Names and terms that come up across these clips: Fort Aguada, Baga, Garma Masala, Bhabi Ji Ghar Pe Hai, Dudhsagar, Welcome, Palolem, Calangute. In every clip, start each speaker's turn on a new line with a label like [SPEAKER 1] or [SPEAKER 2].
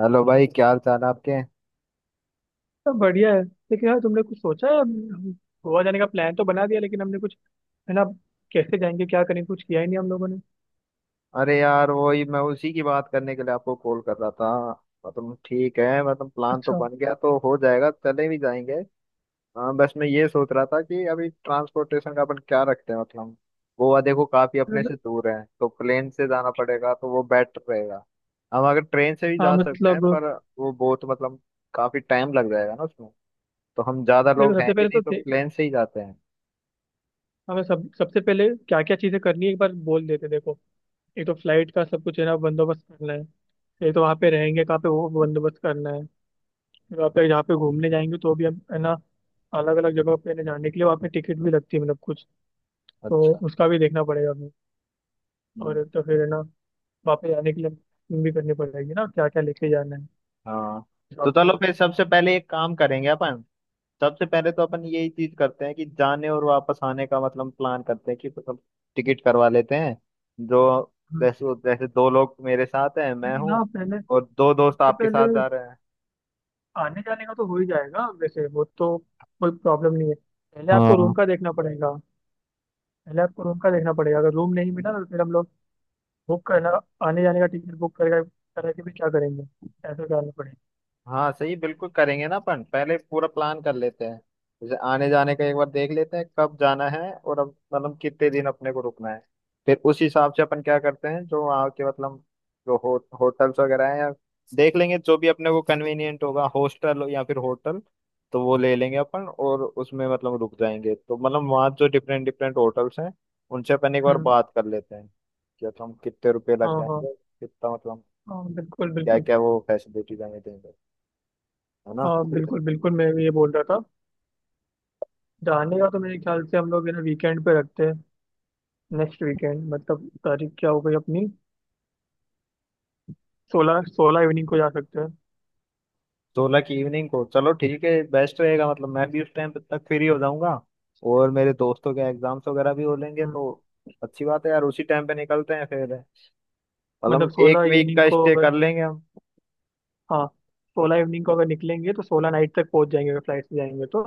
[SPEAKER 1] Hello भाई क्या हाल चाल है आपके।
[SPEAKER 2] सब बढ़िया है लेकिन यार तुमने कुछ सोचा है। हम गोवा जाने का प्लान तो बना दिया लेकिन हमने कुछ है ना कैसे जाएंगे क्या करेंगे कुछ किया ही नहीं हम लोगों ने।
[SPEAKER 1] अरे यार वही मैं उसी की बात करने के लिए आपको कॉल कर रहा था। मतलब ठीक है, मतलब प्लान तो
[SPEAKER 2] अच्छा।
[SPEAKER 1] बन गया, तो हो जाएगा, चले भी जाएंगे। हाँ, बस मैं ये सोच रहा था कि अभी ट्रांसपोर्टेशन का अपन क्या रखते हैं। मतलब गोवा देखो काफी अपने से
[SPEAKER 2] मतलब-
[SPEAKER 1] दूर है, तो प्लेन से जाना पड़ेगा, तो वो बेटर रहेगा। हम अगर ट्रेन से भी
[SPEAKER 2] हाँ
[SPEAKER 1] जा सकते हैं,
[SPEAKER 2] मतलब
[SPEAKER 1] पर वो बहुत मतलब काफी टाइम लग जाएगा ना उसमें। तो हम ज्यादा
[SPEAKER 2] देखो
[SPEAKER 1] लोग हैं
[SPEAKER 2] सबसे
[SPEAKER 1] भी
[SPEAKER 2] पहले
[SPEAKER 1] नहीं,
[SPEAKER 2] तो
[SPEAKER 1] तो प्लेन से ही जाते हैं।
[SPEAKER 2] हमें सब सबसे पहले क्या क्या चीजें करनी है एक बार बोल देते देखो। एक तो फ्लाइट का सब कुछ है ना बंदोबस्त करना है। एक तो वहाँ पे रहेंगे कहाँ पे वो बंदोबस्त करना है। फिर वहाँ पे जहाँ पे घूमने जाएंगे तो भी हम है ना अलग अलग जगह पे ना जाने के लिए वहाँ पे टिकट भी लगती है मतलब कुछ, तो
[SPEAKER 1] अच्छा।
[SPEAKER 2] उसका भी देखना पड़ेगा हमें। और
[SPEAKER 1] हम्म।
[SPEAKER 2] एक तो फिर है ना वापस जाने के लिए packing भी करनी पड़ेगी ना, क्या क्या लेके जाना है,
[SPEAKER 1] हाँ, तो
[SPEAKER 2] शॉपिंग
[SPEAKER 1] चलो
[SPEAKER 2] वगैरह।
[SPEAKER 1] फिर सबसे पहले एक काम करेंगे अपन। सबसे पहले तो अपन यही चीज करते हैं कि जाने और वापस आने का मतलब प्लान करते हैं, कि मतलब टिकट करवा लेते हैं। जो
[SPEAKER 2] हम्म।
[SPEAKER 1] जैसे जैसे दो लोग मेरे साथ हैं, मैं
[SPEAKER 2] नहीं
[SPEAKER 1] हूँ
[SPEAKER 2] ना पहले,
[SPEAKER 1] और दो दोस्त
[SPEAKER 2] सबसे
[SPEAKER 1] आपके
[SPEAKER 2] पहले
[SPEAKER 1] साथ जा रहे हैं।
[SPEAKER 2] आने जाने का तो हो ही जाएगा वैसे वो तो, कोई प्रॉब्लम नहीं है। पहले आपको
[SPEAKER 1] हाँ
[SPEAKER 2] रूम का देखना पड़ेगा। पहले आपको रूम का देखना पड़ेगा, अगर रूम नहीं मिला ना तो फिर हम लोग बुक करना आने जाने का टिकट बुक करेगा करा के भी क्या करेंगे। ऐसा करना पड़ेगा।
[SPEAKER 1] हाँ, सही, बिल्कुल करेंगे ना अपन, पहले पूरा प्लान कर लेते हैं। जैसे आने जाने का एक बार देख लेते हैं कब जाना है, और अब मतलब कितने दिन अपने को रुकना है। फिर उस हिसाब से अपन क्या करते हैं, जो वहाँ के मतलब जो हो, होटल्स वगैरह हैं, या देख लेंगे जो भी अपने को कन्वीनियंट होगा, हॉस्टल या फिर होटल, तो वो ले लेंगे अपन और उसमें मतलब रुक जाएंगे। तो मतलब वहाँ जो डिफरेंट डिफरेंट होटल्स हैं, उनसे अपन एक बार
[SPEAKER 2] हम्म।
[SPEAKER 1] बात कर लेते हैं कि मतलब कितने रुपए लग
[SPEAKER 2] हाँ हाँ।
[SPEAKER 1] जाएंगे, कितना मतलब
[SPEAKER 2] हाँ बिल्कुल
[SPEAKER 1] क्या
[SPEAKER 2] बिल्कुल।
[SPEAKER 1] क्या वो फैसिलिटीज हमें देंगे, है ना।
[SPEAKER 2] हाँ बिल्कुल बिल्कुल, मैं भी ये बोल रहा था। जाने का तो मेरे ख्याल से हम लोग है ना वीकेंड पे रखते हैं, नेक्स्ट वीकेंड। मतलब तारीख क्या हो गई अपनी? 16, 16 इवनिंग को जा सकते हैं।
[SPEAKER 1] सोलह की इवनिंग को, चलो ठीक है, बेस्ट रहेगा। मतलब मैं भी उस टाइम तक फ्री हो जाऊंगा और मेरे दोस्तों के एग्जाम्स वगैरह भी हो लेंगे,
[SPEAKER 2] हम्म।
[SPEAKER 1] तो अच्छी बात है यार। उसी टाइम पे निकलते हैं फिर।
[SPEAKER 2] मतलब
[SPEAKER 1] मतलब एक
[SPEAKER 2] 16
[SPEAKER 1] वीक
[SPEAKER 2] इवनिंग
[SPEAKER 1] का
[SPEAKER 2] को
[SPEAKER 1] स्टे
[SPEAKER 2] अगर,
[SPEAKER 1] कर लेंगे हम।
[SPEAKER 2] हाँ, 16 इवनिंग को अगर निकलेंगे तो सोलह नाइट तक पहुंच जाएंगे अगर फ्लाइट से जाएंगे तो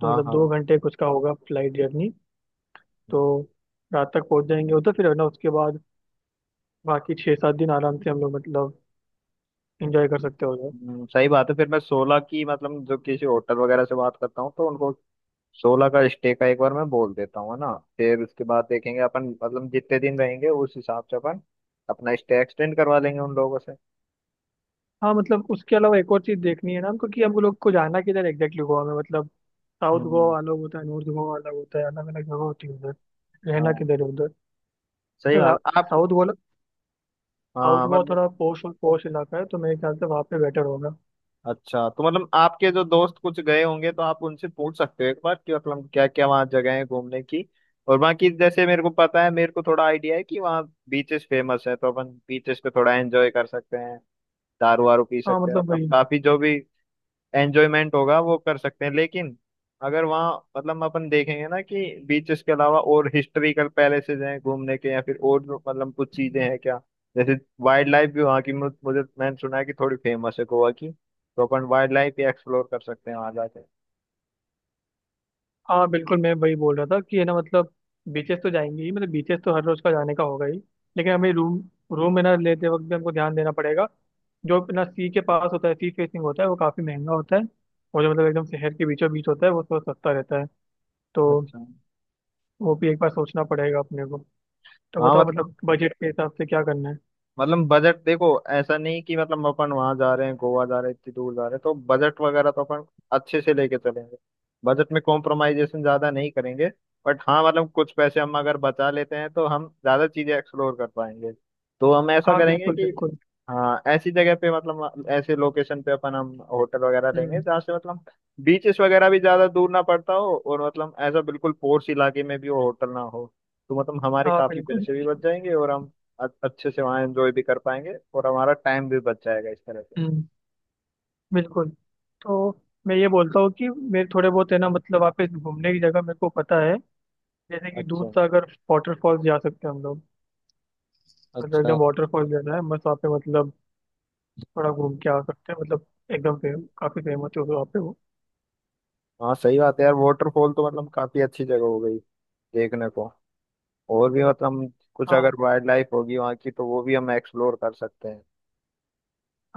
[SPEAKER 2] तो
[SPEAKER 1] हाँ
[SPEAKER 2] मतलब
[SPEAKER 1] हाँ।
[SPEAKER 2] 2 घंटे कुछ का होगा फ्लाइट जर्नी। तो रात तक पहुंच जाएंगे उधर फिर है ना उसके बाद बाकी 6-7 दिन आराम से हम लोग मतलब इंजॉय कर सकते हो उधर।
[SPEAKER 1] सही बात है। फिर मैं सोलह की मतलब जो किसी होटल वगैरह से बात करता हूँ, तो उनको सोलह का स्टे का एक बार मैं बोल देता हूँ, है ना। फिर उसके बाद देखेंगे अपन, मतलब जितने दिन रहेंगे उस हिसाब से अपन अपना स्टे एक्सटेंड करवा लेंगे उन लोगों से।
[SPEAKER 2] हाँ मतलब उसके अलावा एक और चीज़ देखनी है ना हमको कि हम लोग को जाना किधर एग्जैक्टली गोवा में। मतलब साउथ
[SPEAKER 1] हम्म।
[SPEAKER 2] गोवा अलग होता है, नॉर्थ गोवा अलग होता है, अलग अलग जगह होती है उधर। रहना
[SPEAKER 1] हाँ,
[SPEAKER 2] किधर है उधर।
[SPEAKER 1] सही
[SPEAKER 2] मतलब
[SPEAKER 1] बात आप।
[SPEAKER 2] साउथ, साउथ
[SPEAKER 1] हाँ,
[SPEAKER 2] गोवा
[SPEAKER 1] मतलब
[SPEAKER 2] थोड़ा पॉश और पॉश इलाका है तो मेरे ख्याल से वहाँ पे बेटर होगा।
[SPEAKER 1] अच्छा, तो मतलब आपके जो दोस्त कुछ गए होंगे, तो आप उनसे पूछ सकते हो एक बार कि मतलब क्या क्या वहाँ जगह है घूमने की। और बाकी जैसे मेरे को पता है, मेरे को थोड़ा आइडिया है कि वहाँ बीचेस फेमस है, तो अपन बीचेस पे थोड़ा एंजॉय कर सकते हैं, दारू वारू पी
[SPEAKER 2] हाँ
[SPEAKER 1] सकते हैं,
[SPEAKER 2] मतलब
[SPEAKER 1] मतलब
[SPEAKER 2] वही।
[SPEAKER 1] काफी जो भी एंजॉयमेंट होगा वो कर सकते हैं। लेकिन अगर वहाँ मतलब अपन देखेंगे ना कि बीचेस के अलावा और हिस्ट्रिकल पैलेसेस हैं घूमने के, या फिर और जो मतलब कुछ चीजें हैं क्या, जैसे वाइल्ड लाइफ भी वहाँ की मुझे, मैंने सुना है कि थोड़ी फेमस है गोवा की, तो अपन वाइल्ड लाइफ भी एक्सप्लोर कर सकते हैं वहाँ जाके।
[SPEAKER 2] हाँ बिल्कुल मैं वही बोल रहा था कि है ना मतलब बीचेस तो जाएंगे ही, मतलब बीचेस तो हर रोज का जाने का होगा ही। लेकिन हमें रूम रूम में ना लेते वक्त भी हमको ध्यान देना पड़ेगा। जो अपना सी के पास होता है सी फेसिंग होता है वो काफ़ी महंगा होता है। और जो मतलब एकदम शहर के बीचों बीच होता है वो थोड़ा सस्ता रहता है। तो
[SPEAKER 1] अच्छा।
[SPEAKER 2] वो भी एक बार सोचना पड़ेगा अपने को। तो
[SPEAKER 1] हाँ
[SPEAKER 2] बताओ
[SPEAKER 1] मतलब,
[SPEAKER 2] मतलब बजट के हिसाब से क्या करना है।
[SPEAKER 1] मतलब बजट देखो ऐसा नहीं कि मतलब अपन वहां जा रहे हैं, गोवा जा रहे हैं, इतनी दूर जा रहे हैं, तो बजट वगैरह तो अपन अच्छे से लेके चलेंगे। बजट में कॉम्प्रोमाइजेशन ज्यादा नहीं करेंगे। बट हाँ, मतलब कुछ पैसे हम अगर बचा लेते हैं, तो हम ज्यादा चीजें एक्सप्लोर कर पाएंगे। तो हम ऐसा
[SPEAKER 2] हाँ
[SPEAKER 1] करेंगे
[SPEAKER 2] बिल्कुल
[SPEAKER 1] कि
[SPEAKER 2] बिल्कुल।
[SPEAKER 1] हाँ, ऐसी जगह पे, मतलब ऐसे लोकेशन पे अपन हम होटल वगैरह लेंगे,
[SPEAKER 2] हम्म।
[SPEAKER 1] जहाँ से मतलब बीचेस वगैरह भी ज्यादा दूर ना पड़ता हो, और मतलब ऐसा बिल्कुल पोर्स इलाके में भी वो होटल ना हो। तो मतलब हमारे
[SPEAKER 2] हाँ
[SPEAKER 1] काफी
[SPEAKER 2] बिल्कुल।
[SPEAKER 1] पैसे भी बच जाएंगे और हम अच्छे से वहाँ एंजॉय भी कर पाएंगे, और हमारा टाइम भी बच जाएगा इस तरह से।
[SPEAKER 2] हम्म। बिल्कुल। तो मैं ये बोलता हूँ कि मेरे थोड़े बहुत है ना मतलब वहाँ पे घूमने की जगह मेरे को पता है। जैसे कि दूध
[SPEAKER 1] अच्छा।
[SPEAKER 2] सागर वाटरफॉल्स जा सकते हैं हम लोग। मतलब
[SPEAKER 1] अच्छा।
[SPEAKER 2] एकदम वाटरफॉल जाना है बस वहाँ पे मतलब थोड़ा घूम के आ सकते हैं, मतलब एकदम काफी फेमस है वहाँ पे वो।
[SPEAKER 1] हाँ सही बात है यार, वाटरफॉल तो मतलब काफी अच्छी जगह हो गई देखने को। और भी मतलब कुछ
[SPEAKER 2] हाँ
[SPEAKER 1] अगर वाइल्ड लाइफ होगी वहाँ की, तो वो भी हम एक्सप्लोर कर सकते हैं।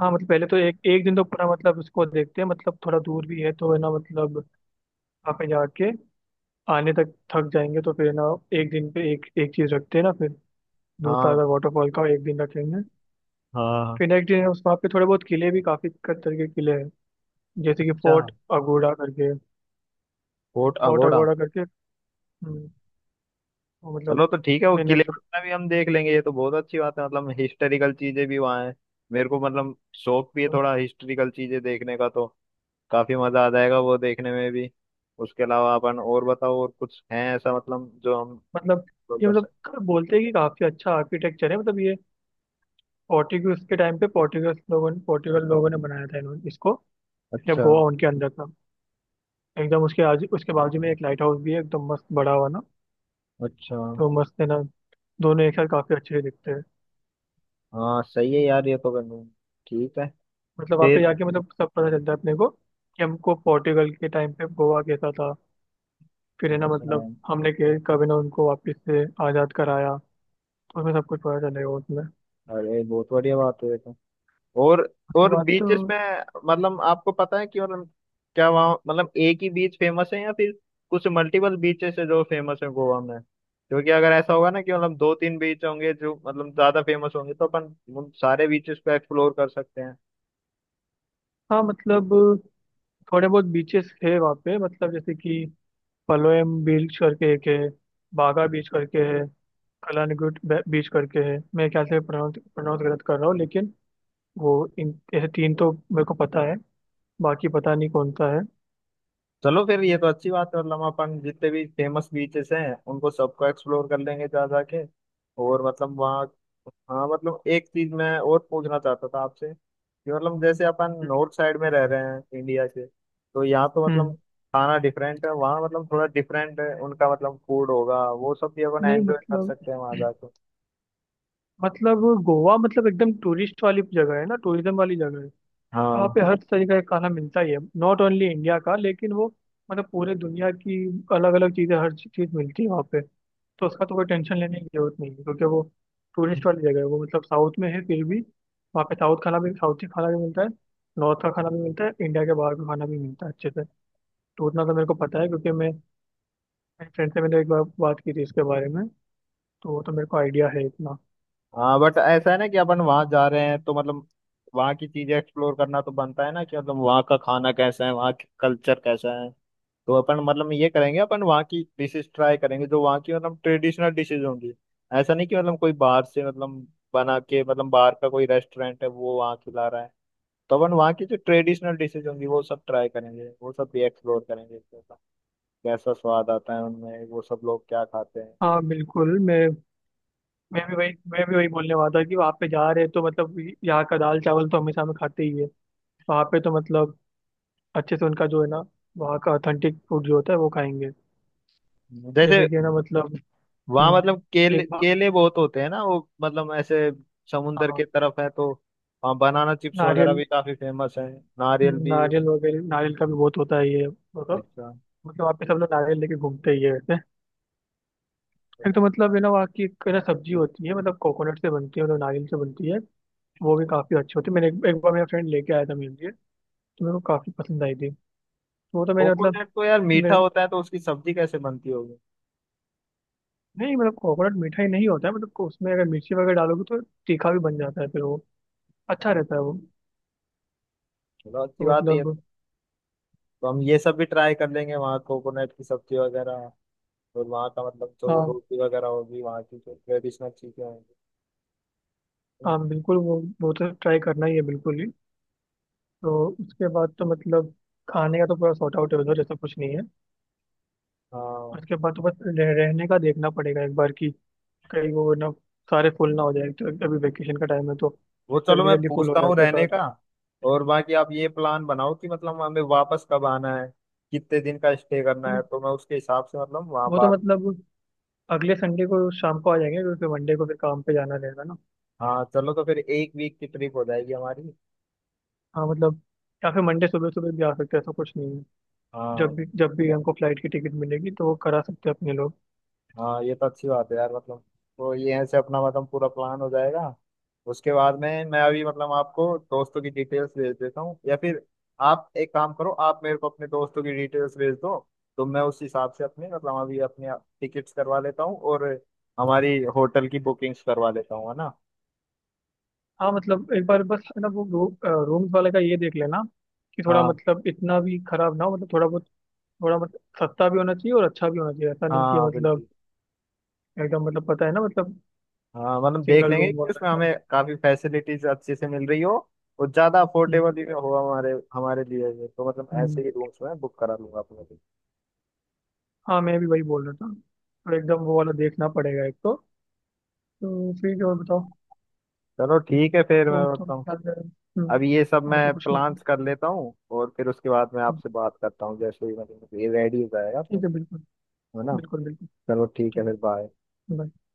[SPEAKER 2] हाँ। मतलब पहले तो एक एक दिन तो पूरा मतलब उसको देखते हैं, मतलब थोड़ा दूर भी है तो है ना मतलब वहाँ पे जाके आने तक थक जाएंगे तो फिर ना, एक दिन पे एक एक चीज रखते हैं ना फिर। दूध
[SPEAKER 1] हाँ
[SPEAKER 2] सागर वाटरफॉल का एक दिन रखेंगे।
[SPEAKER 1] हाँ।
[SPEAKER 2] फिर नेक्स्ट दिन उस वहाँ पे थोड़े बहुत किले भी काफी तरीके के किले हैं जैसे कि
[SPEAKER 1] अच्छा,
[SPEAKER 2] फोर्ट अगोड़ा करके।
[SPEAKER 1] Coat
[SPEAKER 2] fort
[SPEAKER 1] Aguada.
[SPEAKER 2] अगोड़ा करके हम्म, वो
[SPEAKER 1] चलो
[SPEAKER 2] मतलब।
[SPEAKER 1] तो ठीक है, वो
[SPEAKER 2] मैंने
[SPEAKER 1] किले
[SPEAKER 2] मतलब।
[SPEAKER 1] वगैरह भी हम देख लेंगे। ये तो बहुत अच्छी बात है, मतलब हिस्टोरिकल चीजें भी वहाँ हैं। मेरे को मतलब शौक भी है थोड़ा हिस्टोरिकल चीजें देखने का, तो काफी मजा आ जाएगा वो देखने में भी। उसके अलावा अपन और बताओ, और कुछ है ऐसा मतलब जो हम
[SPEAKER 2] मतलब
[SPEAKER 1] explore
[SPEAKER 2] ये
[SPEAKER 1] कर
[SPEAKER 2] मतलब
[SPEAKER 1] सकते।
[SPEAKER 2] बोलते हैं कि काफी अच्छा आर्किटेक्चर है। मतलब ये पोर्टुगीज के टाइम पे पोर्टुगीज लोगों ने पोर्टुगल लोगों ने बनाया था इन्होंने इसको जब
[SPEAKER 1] अच्छा।
[SPEAKER 2] गोवा उनके अंदर था। एकदम उसके आज उसके बाजू में एक लाइट हाउस भी है एकदम मस्त बड़ा हुआ ना।
[SPEAKER 1] अच्छा।
[SPEAKER 2] तो मस्त है ना, दोनों एक साथ काफी अच्छे दिखते हैं।
[SPEAKER 1] हाँ सही है यार, ये तो करना है। ठीक है
[SPEAKER 2] मतलब वहाँ पे
[SPEAKER 1] फिर।
[SPEAKER 2] जाके मतलब सब पता चलता है अपने को कि हमको पोर्टुगल के टाइम पे गोवा कैसा था। फिर है ना
[SPEAKER 1] अच्छा।
[SPEAKER 2] मतलब हमने कब है ना उनको वापस से आज़ाद कराया, उसमें सब कुछ पता चलेगा उसमें।
[SPEAKER 1] अरे बहुत बढ़िया बात है।
[SPEAKER 2] उसके
[SPEAKER 1] और
[SPEAKER 2] बाद तो।
[SPEAKER 1] बीचेस में मतलब आपको पता है कि मतलब क्या वहाँ मतलब एक ही बीच फेमस है या फिर कुछ मल्टीपल बीचेस है जो फेमस है गोवा में। क्योंकि अगर ऐसा होगा ना कि मतलब दो तीन बीच होंगे जो मतलब ज्यादा फेमस होंगे, तो अपन उन सारे बीचेस को एक्सप्लोर कर सकते हैं।
[SPEAKER 2] हाँ मतलब थोड़े बहुत बीचेस है वहाँ पे मतलब जैसे कि पलोयम बीच करके एक है, बागा बीच करके है, कलानगुट बीच करके है। मैं क्या से प्रोनाउंस प्रोनाउंस गलत कर रहा हूँ लेकिन वो, इन ऐसे तीन तो मेरे को पता है। बाकी पता नहीं कौन सा है।
[SPEAKER 1] चलो फिर ये तो अच्छी बात है, मतलब अपन जितने भी फेमस बीचेस हैं उनको सबको एक्सप्लोर कर लेंगे जा जाके। और मतलब वहाँ हाँ, मतलब एक चीज मैं और पूछना चाहता था आपसे कि मतलब जैसे अपन नॉर्थ साइड में रह रहे हैं इंडिया के, तो यहाँ तो मतलब
[SPEAKER 2] हम्म।
[SPEAKER 1] खाना डिफरेंट है, वहाँ मतलब थोड़ा डिफरेंट है उनका मतलब फूड होगा, वो सब भी अपन
[SPEAKER 2] नहीं
[SPEAKER 1] एंजॉय कर
[SPEAKER 2] मतलब,
[SPEAKER 1] सकते हैं वहाँ जाके।
[SPEAKER 2] मतलब गोवा मतलब एकदम टूरिस्ट वाली जगह है ना टूरिज्म वाली जगह है। वहाँ
[SPEAKER 1] हाँ।
[SPEAKER 2] पे हर तरीके का खाना मिलता ही है नॉट ओनली इंडिया का लेकिन वो, मतलब पूरे दुनिया की अलग अलग चीज़ें हर चीज़ मिलती है वहाँ पे। तो उसका तो कोई टेंशन लेने की जरूरत नहीं है क्योंकि वो टूरिस्ट वाली जगह है वो, मतलब साउथ में है फिर भी वहाँ पे साउथ खाना भी साउथी खाना भी मिलता है, नॉर्थ का खाना भी मिलता है, इंडिया के बाहर का खाना भी मिलता है अच्छे से। तो उतना तो मेरे को पता है क्योंकि मैं, मेरे फ्रेंड से मैंने एक बार बात की थी इसके बारे में। तो वो तो मेरे को आइडिया है इतना।
[SPEAKER 1] हाँ बट ऐसा है ना कि अपन वहां जा रहे हैं, तो मतलब वहां की चीजें एक्सप्लोर करना तो बनता है ना, कि मतलब वहाँ का खाना कैसा है, वहाँ की कल्चर कैसा है। तो अपन मतलब ये करेंगे, अपन वहाँ की डिशेस ट्राई करेंगे जो वहाँ की मतलब ट्रेडिशनल डिशेज होंगी। ऐसा नहीं कि मतलब कोई बाहर से मतलब बना के, मतलब बाहर का कोई रेस्टोरेंट है वो वहाँ खिला रहा है। तो अपन वहाँ की जो ट्रेडिशनल डिशेज होंगी वो सब ट्राई करेंगे, वो सब भी एक्सप्लोर करेंगे, कैसा कैसा स्वाद आता है उनमें, वो सब लोग क्या खाते हैं।
[SPEAKER 2] हाँ बिल्कुल मैं, मैं भी वही बोलने वाला था कि वहाँ पे जा रहे हैं तो मतलब यहाँ का दाल चावल तो हमेशा हम खाते ही है। वहाँ पे तो मतलब अच्छे से उनका जो है ना वहाँ का ऑथेंटिक फूड जो होता है वो खाएंगे।
[SPEAKER 1] जैसे
[SPEAKER 2] जैसे कि है ना मतलब।
[SPEAKER 1] वहां
[SPEAKER 2] हम्म,
[SPEAKER 1] मतलब
[SPEAKER 2] एक
[SPEAKER 1] केले,
[SPEAKER 2] बार।
[SPEAKER 1] केले बहुत होते हैं ना, वो मतलब ऐसे समुंदर के
[SPEAKER 2] हाँ।
[SPEAKER 1] तरफ है, तो वहाँ बनाना चिप्स वगैरह
[SPEAKER 2] नारियल।
[SPEAKER 1] भी काफी फेमस है। नारियल भी।
[SPEAKER 2] नारियल वगैरह नारियल का भी बहुत होता है ये मतलब।
[SPEAKER 1] अच्छा,
[SPEAKER 2] मतलब वहाँ पे सब लोग नारियल लेके घूमते ही है वैसे। एक तो मतलब है ना वहाँ की एक है ना सब्जी होती है मतलब कोकोनट से बनती है मतलब नारियल से बनती है, वो भी काफ़ी अच्छी होती है। मैंने एक बार मेरा फ्रेंड लेके आया था मेरे लिए तो मेरे को काफ़ी पसंद आई थी। तो वो तो मैंने मतलब।
[SPEAKER 1] कोकोनट तो यार मीठा
[SPEAKER 2] मैं,
[SPEAKER 1] होता है, तो उसकी सब्जी कैसे बनती होगी।
[SPEAKER 2] नहीं मतलब कोकोनट मीठा ही नहीं होता है, मतलब उसमें अगर मिर्ची वगैरह डालोगे तो तीखा भी बन जाता है फिर वो, अच्छा रहता है वो।
[SPEAKER 1] चलो अच्छी
[SPEAKER 2] तो
[SPEAKER 1] बात है ये तो।
[SPEAKER 2] मतलब।
[SPEAKER 1] तो हम ये सब भी ट्राई कर लेंगे वहाँ, कोकोनट की सब्जी वगैरह, और वहाँ का मतलब जो
[SPEAKER 2] हाँ
[SPEAKER 1] रोटी वगैरह होगी, वहाँ की जो ट्रेडिशनल चीजें होंगी, है
[SPEAKER 2] हाँ
[SPEAKER 1] ना।
[SPEAKER 2] बिल्कुल वो तो ट्राई करना ही है बिल्कुल ही। तो उसके बाद तो मतलब खाने का तो पूरा सॉर्ट आउट है उधर ऐसा कुछ नहीं है।
[SPEAKER 1] हाँ।
[SPEAKER 2] उसके बाद तो बस रहने का देखना पड़ेगा एक बार कि कहीं वो ना सारे फुल ना हो जाए, तो अभी वेकेशन का टाइम है तो
[SPEAKER 1] वो चलो
[SPEAKER 2] जल्दी
[SPEAKER 1] मैं
[SPEAKER 2] जल्दी फुल हो
[SPEAKER 1] पूछता हूँ
[SPEAKER 2] जाते हैं
[SPEAKER 1] रहने
[SPEAKER 2] सारे।
[SPEAKER 1] का। और बाकी आप ये प्लान बनाओ कि मतलब हमें वापस कब आना है, कितने दिन का स्टे करना
[SPEAKER 2] तो
[SPEAKER 1] है, तो मैं उसके हिसाब से मतलब वहाँ
[SPEAKER 2] वो तो
[SPEAKER 1] बात।
[SPEAKER 2] मतलब अगले संडे को शाम को आ जाएंगे क्योंकि फिर मंडे को फिर काम पे जाना रहेगा ना।
[SPEAKER 1] हाँ चलो, तो फिर एक वीक की ट्रिप हो जाएगी हमारी।
[SPEAKER 2] हाँ मतलब या फिर मंडे सुबह सुबह भी आ सकते हैं ऐसा कुछ नहीं है।
[SPEAKER 1] हाँ।
[SPEAKER 2] जब भी हमको फ्लाइट की टिकट मिलेगी तो वो करा सकते हैं अपने लोग।
[SPEAKER 1] हाँ ये तो अच्छी बात है यार, मतलब तो ये ऐसे अपना मतलब पूरा प्लान हो जाएगा। उसके बाद में मैं अभी मतलब आपको दोस्तों की डिटेल्स भेज देता हूँ, या फिर आप एक काम करो, आप मेरे को अपने दोस्तों की डिटेल्स भेज दो, तो मैं उस हिसाब से अपने मतलब अभी अपने टिकट्स करवा लेता हूँ और हमारी होटल की बुकिंग्स करवा लेता हूँ, है ना।
[SPEAKER 2] हाँ मतलब एक बार बस है ना वो रूम्स वाले का ये देख लेना कि थोड़ा
[SPEAKER 1] हाँ
[SPEAKER 2] मतलब इतना भी खराब ना हो मतलब थोड़ा बहुत, थोड़ा मतलब सस्ता भी होना चाहिए और अच्छा भी होना चाहिए ऐसा नहीं कि
[SPEAKER 1] हाँ
[SPEAKER 2] मतलब
[SPEAKER 1] बिल्कुल।
[SPEAKER 2] एकदम मतलब पता है ना मतलब
[SPEAKER 1] हाँ मतलब देख
[SPEAKER 2] सिंगल
[SPEAKER 1] लेंगे
[SPEAKER 2] रूम
[SPEAKER 1] कि
[SPEAKER 2] वाला
[SPEAKER 1] उसमें
[SPEAKER 2] ऐसा।
[SPEAKER 1] हमें काफी फैसिलिटीज अच्छे से मिल रही हो, और ज्यादा
[SPEAKER 2] हम्म।
[SPEAKER 1] अफोर्डेबल भी हो हमारे हमारे लिए भी। तो मतलब ऐसे
[SPEAKER 2] हम्म।
[SPEAKER 1] ही रूम्स में बुक करा लूंगा अपने।
[SPEAKER 2] हाँ मैं भी वही बोल रहा था तो एकदम वो वाला देखना पड़ेगा एक तो। तो फिर और बताओ,
[SPEAKER 1] चलो ठीक है फिर,
[SPEAKER 2] वो
[SPEAKER 1] मैं
[SPEAKER 2] तो
[SPEAKER 1] मतलब
[SPEAKER 2] क्या है। हम्म।
[SPEAKER 1] अब ये सब
[SPEAKER 2] और तो
[SPEAKER 1] मैं
[SPEAKER 2] कुछ नहीं।
[SPEAKER 1] प्लान्स कर लेता हूँ, और फिर उसके बाद मैं
[SPEAKER 2] हम्म,
[SPEAKER 1] आपसे बात करता हूँ जैसे ही मतलब ये रेडी हो जाएगा तो,
[SPEAKER 2] ठीक है बिल्कुल।
[SPEAKER 1] है ना।
[SPEAKER 2] बिल्कुल बिल्कुल।
[SPEAKER 1] चलो ठीक है
[SPEAKER 2] ठीक
[SPEAKER 1] फिर,
[SPEAKER 2] है।
[SPEAKER 1] बाय।
[SPEAKER 2] bye।